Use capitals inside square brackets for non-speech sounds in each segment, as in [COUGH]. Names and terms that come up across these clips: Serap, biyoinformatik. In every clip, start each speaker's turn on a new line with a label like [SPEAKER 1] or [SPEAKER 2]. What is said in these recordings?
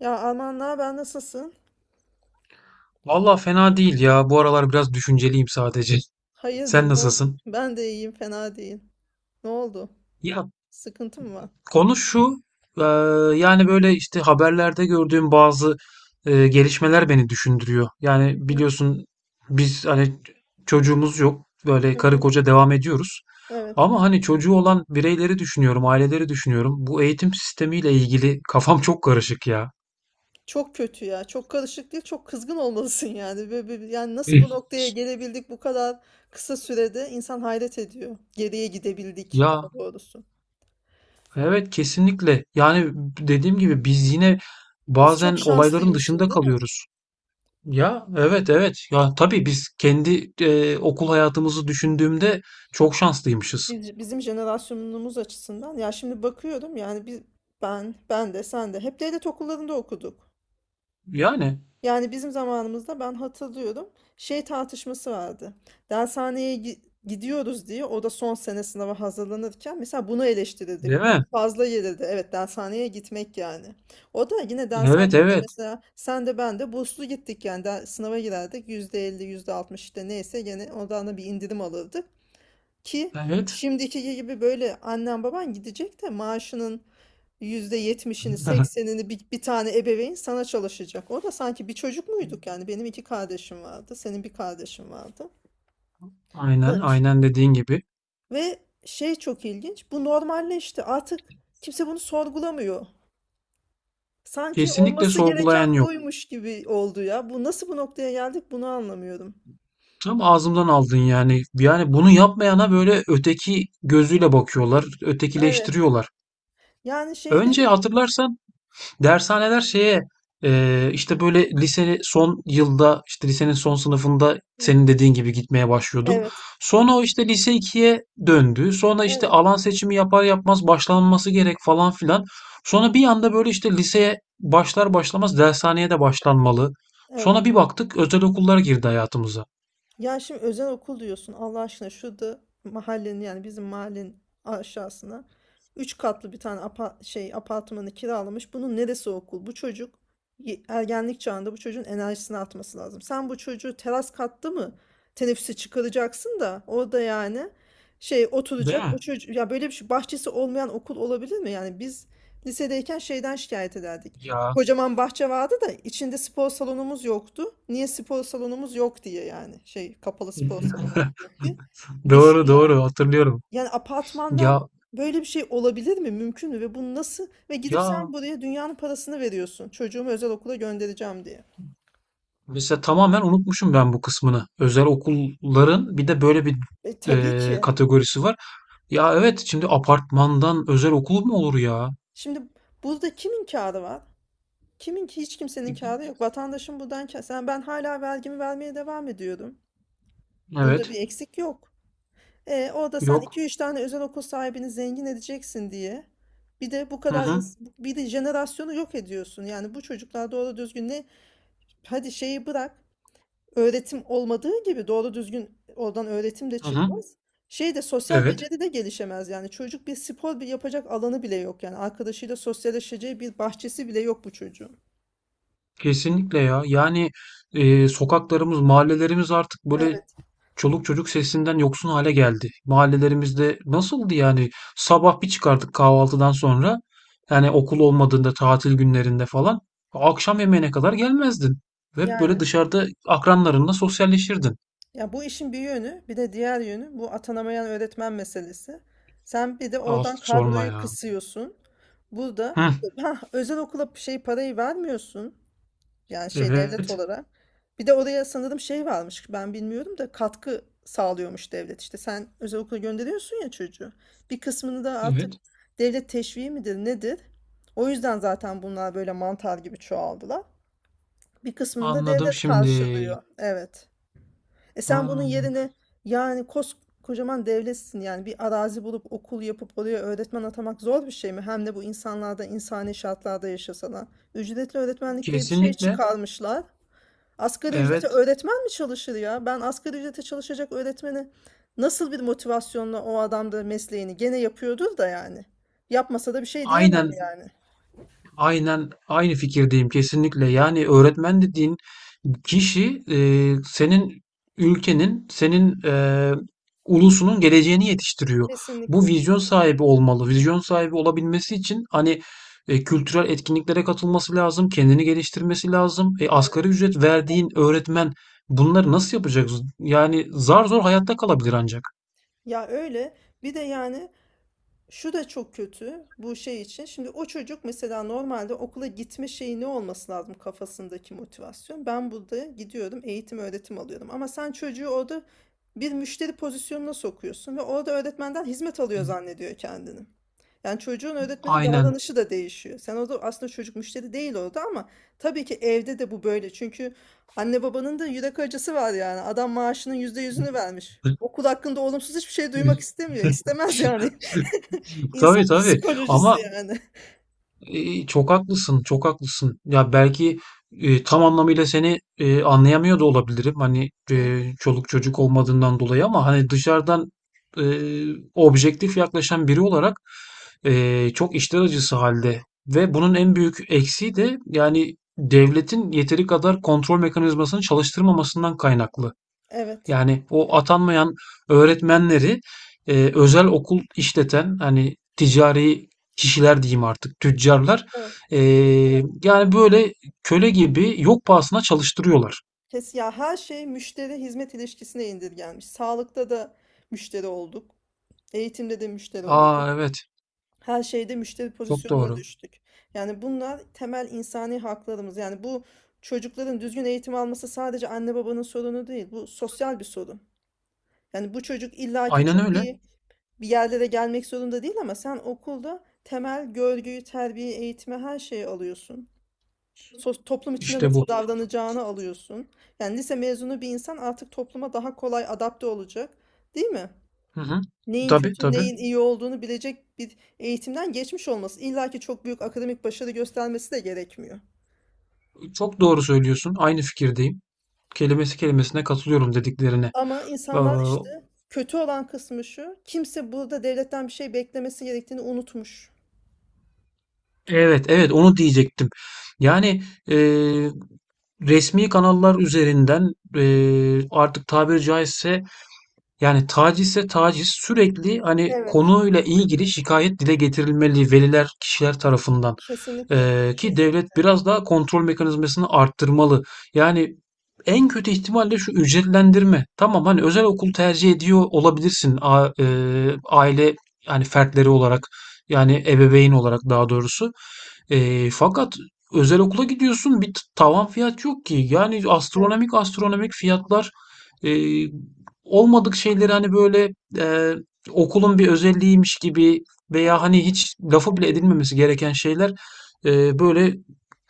[SPEAKER 1] Ya Alman ben nasılsın?
[SPEAKER 2] Valla fena değil ya. Bu aralar biraz düşünceliyim sadece. Sen
[SPEAKER 1] Hayırdır ne oldu?
[SPEAKER 2] nasılsın?
[SPEAKER 1] [LAUGHS] Ben de iyiyim fena değil. Ne oldu?
[SPEAKER 2] Ya
[SPEAKER 1] Sıkıntı mı var?
[SPEAKER 2] konu şu. eee, yani böyle işte haberlerde gördüğüm bazı gelişmeler beni düşündürüyor.
[SPEAKER 1] Hı
[SPEAKER 2] Yani
[SPEAKER 1] hı,
[SPEAKER 2] biliyorsun biz hani çocuğumuz yok. Böyle
[SPEAKER 1] hı
[SPEAKER 2] karı
[SPEAKER 1] hı.
[SPEAKER 2] koca devam ediyoruz.
[SPEAKER 1] Evet.
[SPEAKER 2] Ama hani çocuğu olan bireyleri düşünüyorum, aileleri düşünüyorum. Bu eğitim sistemiyle ilgili kafam çok karışık ya.
[SPEAKER 1] Çok kötü ya. Çok karışık değil. Çok kızgın olmalısın yani. Böyle, yani
[SPEAKER 2] [LAUGHS]
[SPEAKER 1] nasıl
[SPEAKER 2] Hı.
[SPEAKER 1] bu noktaya gelebildik bu kadar kısa sürede? İnsan hayret ediyor. Geriye gidebildik
[SPEAKER 2] Ya,
[SPEAKER 1] daha doğrusu.
[SPEAKER 2] evet, kesinlikle. Yani dediğim gibi biz yine
[SPEAKER 1] Biz
[SPEAKER 2] bazen
[SPEAKER 1] çok
[SPEAKER 2] olayların
[SPEAKER 1] şanslıymışız
[SPEAKER 2] dışında
[SPEAKER 1] değil mi?
[SPEAKER 2] kalıyoruz. Ya evet, evet, ya tabii biz kendi okul hayatımızı düşündüğümde çok şanslıymışız.
[SPEAKER 1] Bizim jenerasyonumuz açısından. Ya şimdi bakıyorum yani ben de sen de hep devlet okullarında okuduk.
[SPEAKER 2] Yani
[SPEAKER 1] Yani bizim zamanımızda ben hatırlıyorum şey tartışması vardı. Dershaneye gidiyoruz diye o da son sene sınava hazırlanırken mesela bunu
[SPEAKER 2] değil
[SPEAKER 1] eleştirirdik.
[SPEAKER 2] mi?
[SPEAKER 1] Bu fazla gelirdi. Evet, dershaneye gitmek yani. O da yine
[SPEAKER 2] Evet,
[SPEAKER 1] dershaneye de
[SPEAKER 2] evet,
[SPEAKER 1] mesela sen de ben de burslu gittik yani sınava girerdik. Yüzde elli %60 işte neyse gene ondan da bir indirim alırdık. Ki
[SPEAKER 2] evet.
[SPEAKER 1] şimdiki gibi böyle annen baban gidecek de maaşının %70'ini
[SPEAKER 2] [LAUGHS]
[SPEAKER 1] %80'ini bir tane ebeveyn sana çalışacak. O da sanki bir çocuk muyduk yani benim iki kardeşim vardı, senin bir kardeşin vardı.
[SPEAKER 2] Aynen,
[SPEAKER 1] Da-
[SPEAKER 2] aynen dediğin gibi.
[SPEAKER 1] Ve şey, çok ilginç, bu normalleşti artık, kimse bunu sorgulamıyor. Sanki
[SPEAKER 2] Kesinlikle
[SPEAKER 1] olması gereken
[SPEAKER 2] sorgulayan yok.
[SPEAKER 1] buymuş gibi oldu ya. Bu nasıl, bu noktaya geldik, bunu anlamıyorum.
[SPEAKER 2] Tam ağzımdan aldın yani. Yani bunu yapmayana böyle öteki gözüyle bakıyorlar,
[SPEAKER 1] Evet.
[SPEAKER 2] ötekileştiriyorlar.
[SPEAKER 1] Yani şeyde
[SPEAKER 2] Önce hatırlarsan dershaneler şeye işte böyle lise son yılda işte lisenin son sınıfında senin dediğin gibi gitmeye başlıyorduk.
[SPEAKER 1] evet,
[SPEAKER 2] Sonra o işte lise ikiye döndü. Sonra işte
[SPEAKER 1] evet,
[SPEAKER 2] alan seçimi yapar yapmaz başlanması gerek falan filan. Sonra bir anda böyle işte liseye başlar başlamaz dershaneye de başlanmalı. Sonra
[SPEAKER 1] evet.
[SPEAKER 2] bir baktık özel okullar girdi hayatımıza.
[SPEAKER 1] Ya şimdi özel okul diyorsun Allah aşkına, şurada mahallenin yani bizim mahallenin aşağısına üç katlı bir tane apartmanı kiralamış. Bunun neresi okul? Bu çocuk ergenlik çağında, bu çocuğun enerjisini atması lazım. Sen bu çocuğu teras katta mı teneffüse çıkaracaksın da orada yani şey
[SPEAKER 2] Değil
[SPEAKER 1] oturacak o
[SPEAKER 2] mi?
[SPEAKER 1] çocuk ya, böyle bir şey, bahçesi olmayan okul olabilir mi? Yani biz lisedeyken şeyden şikayet ederdik.
[SPEAKER 2] Ya.
[SPEAKER 1] Kocaman bahçe vardı da içinde spor salonumuz yoktu. Niye spor salonumuz yok diye yani. Şey, kapalı spor salonumuz yok diye.
[SPEAKER 2] [LAUGHS]
[SPEAKER 1] Düşün
[SPEAKER 2] Doğru,
[SPEAKER 1] yani.
[SPEAKER 2] doğru, hatırlıyorum.
[SPEAKER 1] Yani
[SPEAKER 2] Ya
[SPEAKER 1] apartmandan böyle bir şey olabilir mi? Mümkün mü? Ve bu nasıl? Ve gidip sen
[SPEAKER 2] ya
[SPEAKER 1] buraya dünyanın parasını veriyorsun. Çocuğumu özel okula göndereceğim diye.
[SPEAKER 2] mesela tamamen unutmuşum ben bu kısmını. Özel okulların bir de böyle bir
[SPEAKER 1] E tabii ki.
[SPEAKER 2] kategorisi var. Ya evet şimdi apartmandan özel okul mu olur ya?
[SPEAKER 1] Şimdi burada kimin kârı var? Kimin ki, hiç kimsenin kârı yok. Vatandaşın buradan kârı. Sen ben hala vergimi vermeye devam ediyorum. Bunda bir
[SPEAKER 2] Evet.
[SPEAKER 1] eksik yok. E, orada sen iki
[SPEAKER 2] Yok.
[SPEAKER 1] üç tane özel okul sahibini zengin edeceksin diye. Bir de bu
[SPEAKER 2] Hı
[SPEAKER 1] kadar
[SPEAKER 2] hı.
[SPEAKER 1] ins- bir de jenerasyonu yok ediyorsun. Yani bu çocuklar doğru düzgün ne? Hadi şeyi bırak. Öğretim olmadığı gibi doğru düzgün oradan öğretim de
[SPEAKER 2] Hı hı.
[SPEAKER 1] çıkmaz. Şey de, sosyal
[SPEAKER 2] Evet.
[SPEAKER 1] beceri de gelişemez yani. Çocuk bir spor bir yapacak alanı bile yok yani. Arkadaşıyla sosyalleşeceği bir bahçesi bile yok bu çocuğun.
[SPEAKER 2] Kesinlikle ya. Yani sokaklarımız, mahallelerimiz artık böyle
[SPEAKER 1] Evet.
[SPEAKER 2] çoluk çocuk sesinden yoksun hale geldi. Mahallelerimizde nasıldı yani? Sabah bir çıkardık kahvaltıdan sonra. Yani okul olmadığında, tatil günlerinde falan. Akşam yemeğine kadar gelmezdin. Hep böyle
[SPEAKER 1] Yani.
[SPEAKER 2] dışarıda akranlarınla sosyalleşirdin.
[SPEAKER 1] Ya bu işin bir yönü, bir de diğer yönü bu atanamayan öğretmen meselesi. Sen bir de
[SPEAKER 2] Ah,
[SPEAKER 1] oradan
[SPEAKER 2] sorma
[SPEAKER 1] kadroyu
[SPEAKER 2] ya.
[SPEAKER 1] kısıyorsun. Burada
[SPEAKER 2] Hı,
[SPEAKER 1] ha, özel okula şey parayı vermiyorsun. Yani şey, devlet
[SPEAKER 2] evet.
[SPEAKER 1] olarak. Bir de oraya sanırım şey varmış. Ben bilmiyorum da katkı sağlıyormuş devlet. İşte sen özel okula gönderiyorsun ya çocuğu. Bir kısmını da artık
[SPEAKER 2] Evet.
[SPEAKER 1] devlet teşviği midir nedir? O yüzden zaten bunlar böyle mantar gibi çoğaldılar. Bir kısmını da
[SPEAKER 2] Anladım
[SPEAKER 1] devlet
[SPEAKER 2] şimdi.
[SPEAKER 1] karşılıyor. Evet. E sen bunun
[SPEAKER 2] Ha,
[SPEAKER 1] yerine yani koskocaman devletsin yani, bir arazi bulup okul yapıp oraya öğretmen atamak zor bir şey mi? Hem de bu insanlarda insani şartlarda yaşasalar. Ücretli öğretmenlik diye bir şey
[SPEAKER 2] kesinlikle.
[SPEAKER 1] çıkarmışlar. Asgari ücrete
[SPEAKER 2] Evet.
[SPEAKER 1] öğretmen mi çalışır ya? Ben asgari ücrete çalışacak öğretmeni nasıl bir motivasyonla o adam da mesleğini gene yapıyordur da yani. Yapmasa da bir şey diyemem
[SPEAKER 2] Aynen,
[SPEAKER 1] yani.
[SPEAKER 2] aynen aynı fikirdeyim kesinlikle. Yani öğretmen dediğin kişi senin ülkenin, senin ulusunun geleceğini yetiştiriyor. Bu
[SPEAKER 1] Kesinlikle.
[SPEAKER 2] vizyon sahibi olmalı. Vizyon sahibi olabilmesi için hani kültürel etkinliklere katılması lazım, kendini geliştirmesi lazım. E,
[SPEAKER 1] Evet.
[SPEAKER 2] asgari ücret verdiğin öğretmen bunları nasıl yapacak? Yani zar zor hayatta kalabilir ancak.
[SPEAKER 1] Ya öyle. Bir de yani şu da çok kötü bu şey için. Şimdi o çocuk mesela normalde okula gitme şeyi, ne olması lazım kafasındaki motivasyon? Ben burada gidiyorum, eğitim öğretim alıyorum. Ama sen çocuğu orada bir müşteri pozisyonuna sokuyorsun ve orada öğretmenden hizmet alıyor zannediyor kendini. Yani çocuğun öğretmene
[SPEAKER 2] Aynen.
[SPEAKER 1] davranışı da değişiyor. Sen orada aslında, çocuk müşteri değil orada, ama tabii ki evde de bu böyle. Çünkü anne babanın da yürek acısı var yani. Adam maaşının yüzde yüzünü vermiş. Okul hakkında olumsuz hiçbir şey duymak
[SPEAKER 2] [LAUGHS]
[SPEAKER 1] istemiyor. İstemez yani. [LAUGHS]
[SPEAKER 2] Tabii,
[SPEAKER 1] İnsan [LAUGHS]
[SPEAKER 2] tabii.
[SPEAKER 1] psikolojisi
[SPEAKER 2] Ama
[SPEAKER 1] yani.
[SPEAKER 2] Çok haklısın, çok haklısın. Ya belki tam anlamıyla seni anlayamıyor da olabilirim. Hani
[SPEAKER 1] Hı,
[SPEAKER 2] çoluk çocuk olmadığından dolayı ama hani dışarıdan e, objektif yaklaşan biri olarak çok içler acısı halde. Ve bunun en büyük eksiği de yani devletin yeteri kadar kontrol mekanizmasını çalıştırmamasından kaynaklı.
[SPEAKER 1] evet.
[SPEAKER 2] Yani o atanmayan öğretmenleri özel okul işleten hani ticari kişiler diyeyim artık tüccarlar
[SPEAKER 1] Evet.
[SPEAKER 2] e, yani böyle köle gibi yok pahasına çalıştırıyorlar.
[SPEAKER 1] Kes ya, her şey müşteri hizmet ilişkisine indirgenmiş. Sağlıkta da müşteri olduk. Eğitimde de müşteri olduk.
[SPEAKER 2] Aa, evet,
[SPEAKER 1] Her şeyde müşteri
[SPEAKER 2] çok
[SPEAKER 1] pozisyonuna
[SPEAKER 2] doğru.
[SPEAKER 1] düştük. Yani bunlar temel insani haklarımız. Yani bu çocukların düzgün eğitim alması sadece anne babanın sorunu değil. Bu sosyal bir sorun. Yani bu çocuk illaki
[SPEAKER 2] Aynen
[SPEAKER 1] çok
[SPEAKER 2] öyle.
[SPEAKER 1] iyi bir yerlere gelmek zorunda değil, ama sen okulda temel görgüyü, terbiyeyi, eğitimi, her şeyi alıyorsun. Toplum içinde
[SPEAKER 2] İşte
[SPEAKER 1] nasıl
[SPEAKER 2] bu.
[SPEAKER 1] davranacağını alıyorsun. Yani lise mezunu bir insan artık topluma daha kolay adapte olacak, değil mi?
[SPEAKER 2] Hı hı.
[SPEAKER 1] Neyin
[SPEAKER 2] Tabii,
[SPEAKER 1] kötü,
[SPEAKER 2] tabii.
[SPEAKER 1] neyin iyi olduğunu bilecek bir eğitimden geçmiş olması. İlla ki çok büyük akademik başarı göstermesi de gerekmiyor.
[SPEAKER 2] Çok doğru söylüyorsun. Aynı fikirdeyim. Kelimesi kelimesine katılıyorum dediklerine.
[SPEAKER 1] Ama insanlar
[SPEAKER 2] Aa,
[SPEAKER 1] işte, kötü olan kısmı şu, kimse burada devletten bir şey beklemesi gerektiğini unutmuş.
[SPEAKER 2] evet, evet onu diyecektim. Yani e, resmi kanallar üzerinden, artık tabiri caizse yani tacizse taciz sürekli hani
[SPEAKER 1] Evet,
[SPEAKER 2] konuyla ilgili şikayet dile getirilmeli veliler, kişiler tarafından.
[SPEAKER 1] kesinlikle.
[SPEAKER 2] Ki devlet biraz daha kontrol mekanizmasını arttırmalı. Yani en kötü ihtimalle şu ücretlendirme. Tamam hani özel okul tercih ediyor olabilirsin aile yani fertleri olarak yani ebeveyn olarak daha doğrusu. Fakat özel okula gidiyorsun bir tavan fiyat yok ki. Yani
[SPEAKER 1] Evet.
[SPEAKER 2] astronomik, astronomik fiyatlar. e, Olmadık şeyleri hani böyle okulun bir özelliğiymiş gibi veya hani hiç lafı bile edilmemesi gereken şeyler böyle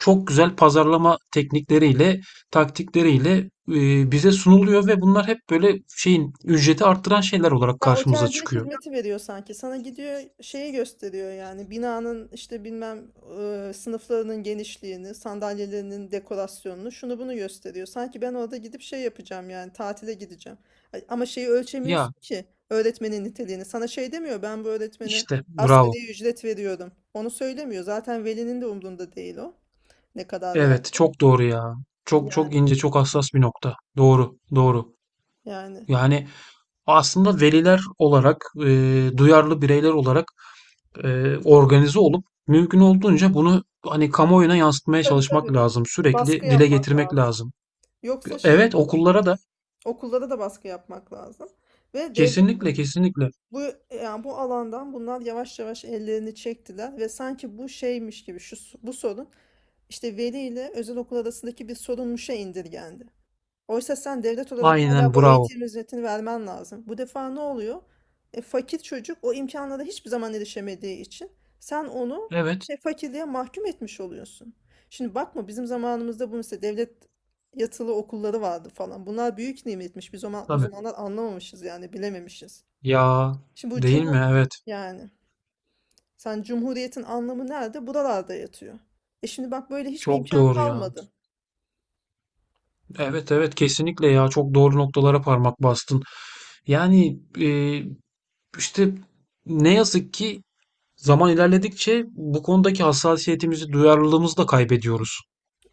[SPEAKER 2] çok güzel pazarlama teknikleriyle, taktikleriyle bize sunuluyor ve bunlar hep böyle şeyin ücreti arttıran şeyler olarak
[SPEAKER 1] Ya
[SPEAKER 2] karşımıza
[SPEAKER 1] otelcilik
[SPEAKER 2] çıkıyor.
[SPEAKER 1] hizmeti veriyor sanki. Sana gidiyor şeyi gösteriyor yani, binanın işte, bilmem e, sınıflarının genişliğini, sandalyelerinin dekorasyonunu, şunu bunu gösteriyor. Sanki ben orada gidip şey yapacağım yani, tatile gideceğim. Ay, ama şeyi
[SPEAKER 2] Ya
[SPEAKER 1] ölçemiyorsun ki, öğretmenin niteliğini. Sana şey demiyor, ben bu öğretmene
[SPEAKER 2] işte bravo.
[SPEAKER 1] asgari ücret veriyorum. Onu söylemiyor. Zaten velinin de umrunda değil o. Ne kadar ver.
[SPEAKER 2] Evet, çok doğru ya. Çok çok
[SPEAKER 1] Yani,
[SPEAKER 2] ince, çok hassas bir nokta. Doğru, doğru.
[SPEAKER 1] yani.
[SPEAKER 2] Yani aslında veliler olarak, duyarlı bireyler olarak organize olup mümkün olduğunca bunu hani kamuoyuna yansıtmaya
[SPEAKER 1] Tabii,
[SPEAKER 2] çalışmak
[SPEAKER 1] tabii.
[SPEAKER 2] lazım.
[SPEAKER 1] Baskı
[SPEAKER 2] Sürekli dile
[SPEAKER 1] yapmak
[SPEAKER 2] getirmek
[SPEAKER 1] lazım.
[SPEAKER 2] lazım.
[SPEAKER 1] Yoksa şey,
[SPEAKER 2] Evet, okullara da
[SPEAKER 1] okullara da baskı yapmak lazım. Ve devlet
[SPEAKER 2] kesinlikle, kesinlikle.
[SPEAKER 1] bu, yani bu alandan bunlar yavaş yavaş ellerini çektiler ve sanki bu şeymiş gibi, şu bu sorun işte veli ile özel okul arasındaki bir sorunmuşa indirgendi. Oysa sen devlet olarak
[SPEAKER 2] Aynen
[SPEAKER 1] hala bu
[SPEAKER 2] bravo.
[SPEAKER 1] eğitim hizmetini vermen lazım. Bu defa ne oluyor? E, fakir çocuk o imkanlara hiçbir zaman erişemediği için sen onu
[SPEAKER 2] Evet
[SPEAKER 1] şey, fakirliğe mahkum etmiş oluyorsun. Şimdi bakma, bizim zamanımızda bu mesela devlet yatılı okulları vardı falan. Bunlar büyük nimetmiş. Biz o
[SPEAKER 2] tabii.
[SPEAKER 1] zamanlar anlamamışız yani, bilememişiz.
[SPEAKER 2] Ya
[SPEAKER 1] Şimdi bu
[SPEAKER 2] değil mi? Evet.
[SPEAKER 1] yani sen, cumhuriyetin anlamı nerede? Buralarda yatıyor. E şimdi bak, böyle hiçbir
[SPEAKER 2] Çok
[SPEAKER 1] imkan
[SPEAKER 2] doğru ya.
[SPEAKER 1] kalmadı.
[SPEAKER 2] Evet, evet, kesinlikle ya. Çok doğru noktalara parmak bastın. Yani işte ne yazık ki zaman ilerledikçe bu konudaki hassasiyetimizi, duyarlılığımızı da kaybediyoruz.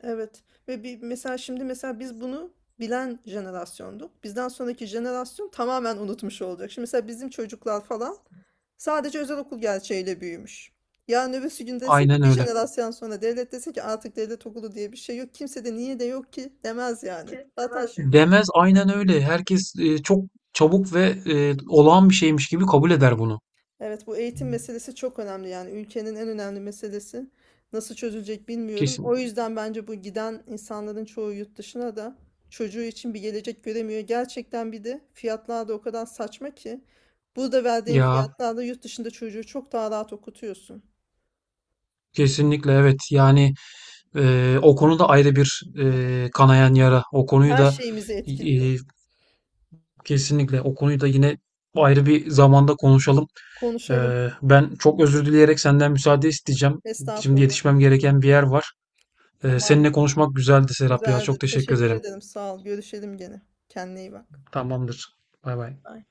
[SPEAKER 1] Evet, ve bir mesela şimdi mesela biz bunu bilen jenerasyonduk. Bizden sonraki jenerasyon tamamen unutmuş olacak. Şimdi mesela bizim çocuklar falan sadece özel okul gerçeğiyle büyümüş. Yarın öbürsü gün desin
[SPEAKER 2] Aynen
[SPEAKER 1] ki, bir
[SPEAKER 2] öyle.
[SPEAKER 1] jenerasyon sonra devlet desin ki artık devlet okulu diye bir şey yok. Kimse de niye de yok ki demez yani. Zaten
[SPEAKER 2] Yani. Demez aynen öyle. Herkes çok çabuk ve olağan bir şeymiş gibi kabul eder bunu.
[SPEAKER 1] Evet, bu eğitim meselesi çok önemli yani, ülkenin en önemli meselesi. Nasıl çözülecek bilmiyorum.
[SPEAKER 2] Kesin.
[SPEAKER 1] O yüzden bence bu giden insanların çoğu yurt dışına da çocuğu için bir gelecek göremiyor. Gerçekten bir de fiyatlar da o kadar saçma ki burada verdiğin
[SPEAKER 2] Ya
[SPEAKER 1] fiyatlarla yurt dışında çocuğu çok daha rahat okutuyorsun.
[SPEAKER 2] kesinlikle evet. Yani o konuda ayrı bir kanayan yara. O konuyu
[SPEAKER 1] Her
[SPEAKER 2] da
[SPEAKER 1] şeyimizi
[SPEAKER 2] e,
[SPEAKER 1] etkiliyor.
[SPEAKER 2] kesinlikle o konuyu da yine ayrı bir zamanda konuşalım.
[SPEAKER 1] Konuşalım.
[SPEAKER 2] E, ben çok özür dileyerek senden müsaade isteyeceğim. Şimdi
[SPEAKER 1] Estağfurullah.
[SPEAKER 2] yetişmem gereken bir yer var. E, seninle
[SPEAKER 1] Tamamdır.
[SPEAKER 2] konuşmak güzeldi, Serap ya. Çok
[SPEAKER 1] Güzeldi.
[SPEAKER 2] teşekkür
[SPEAKER 1] Teşekkür
[SPEAKER 2] ederim.
[SPEAKER 1] ederim. Sağ ol. Görüşelim gene. Kendine iyi bak.
[SPEAKER 2] Tamamdır. Bay bay.
[SPEAKER 1] Bye.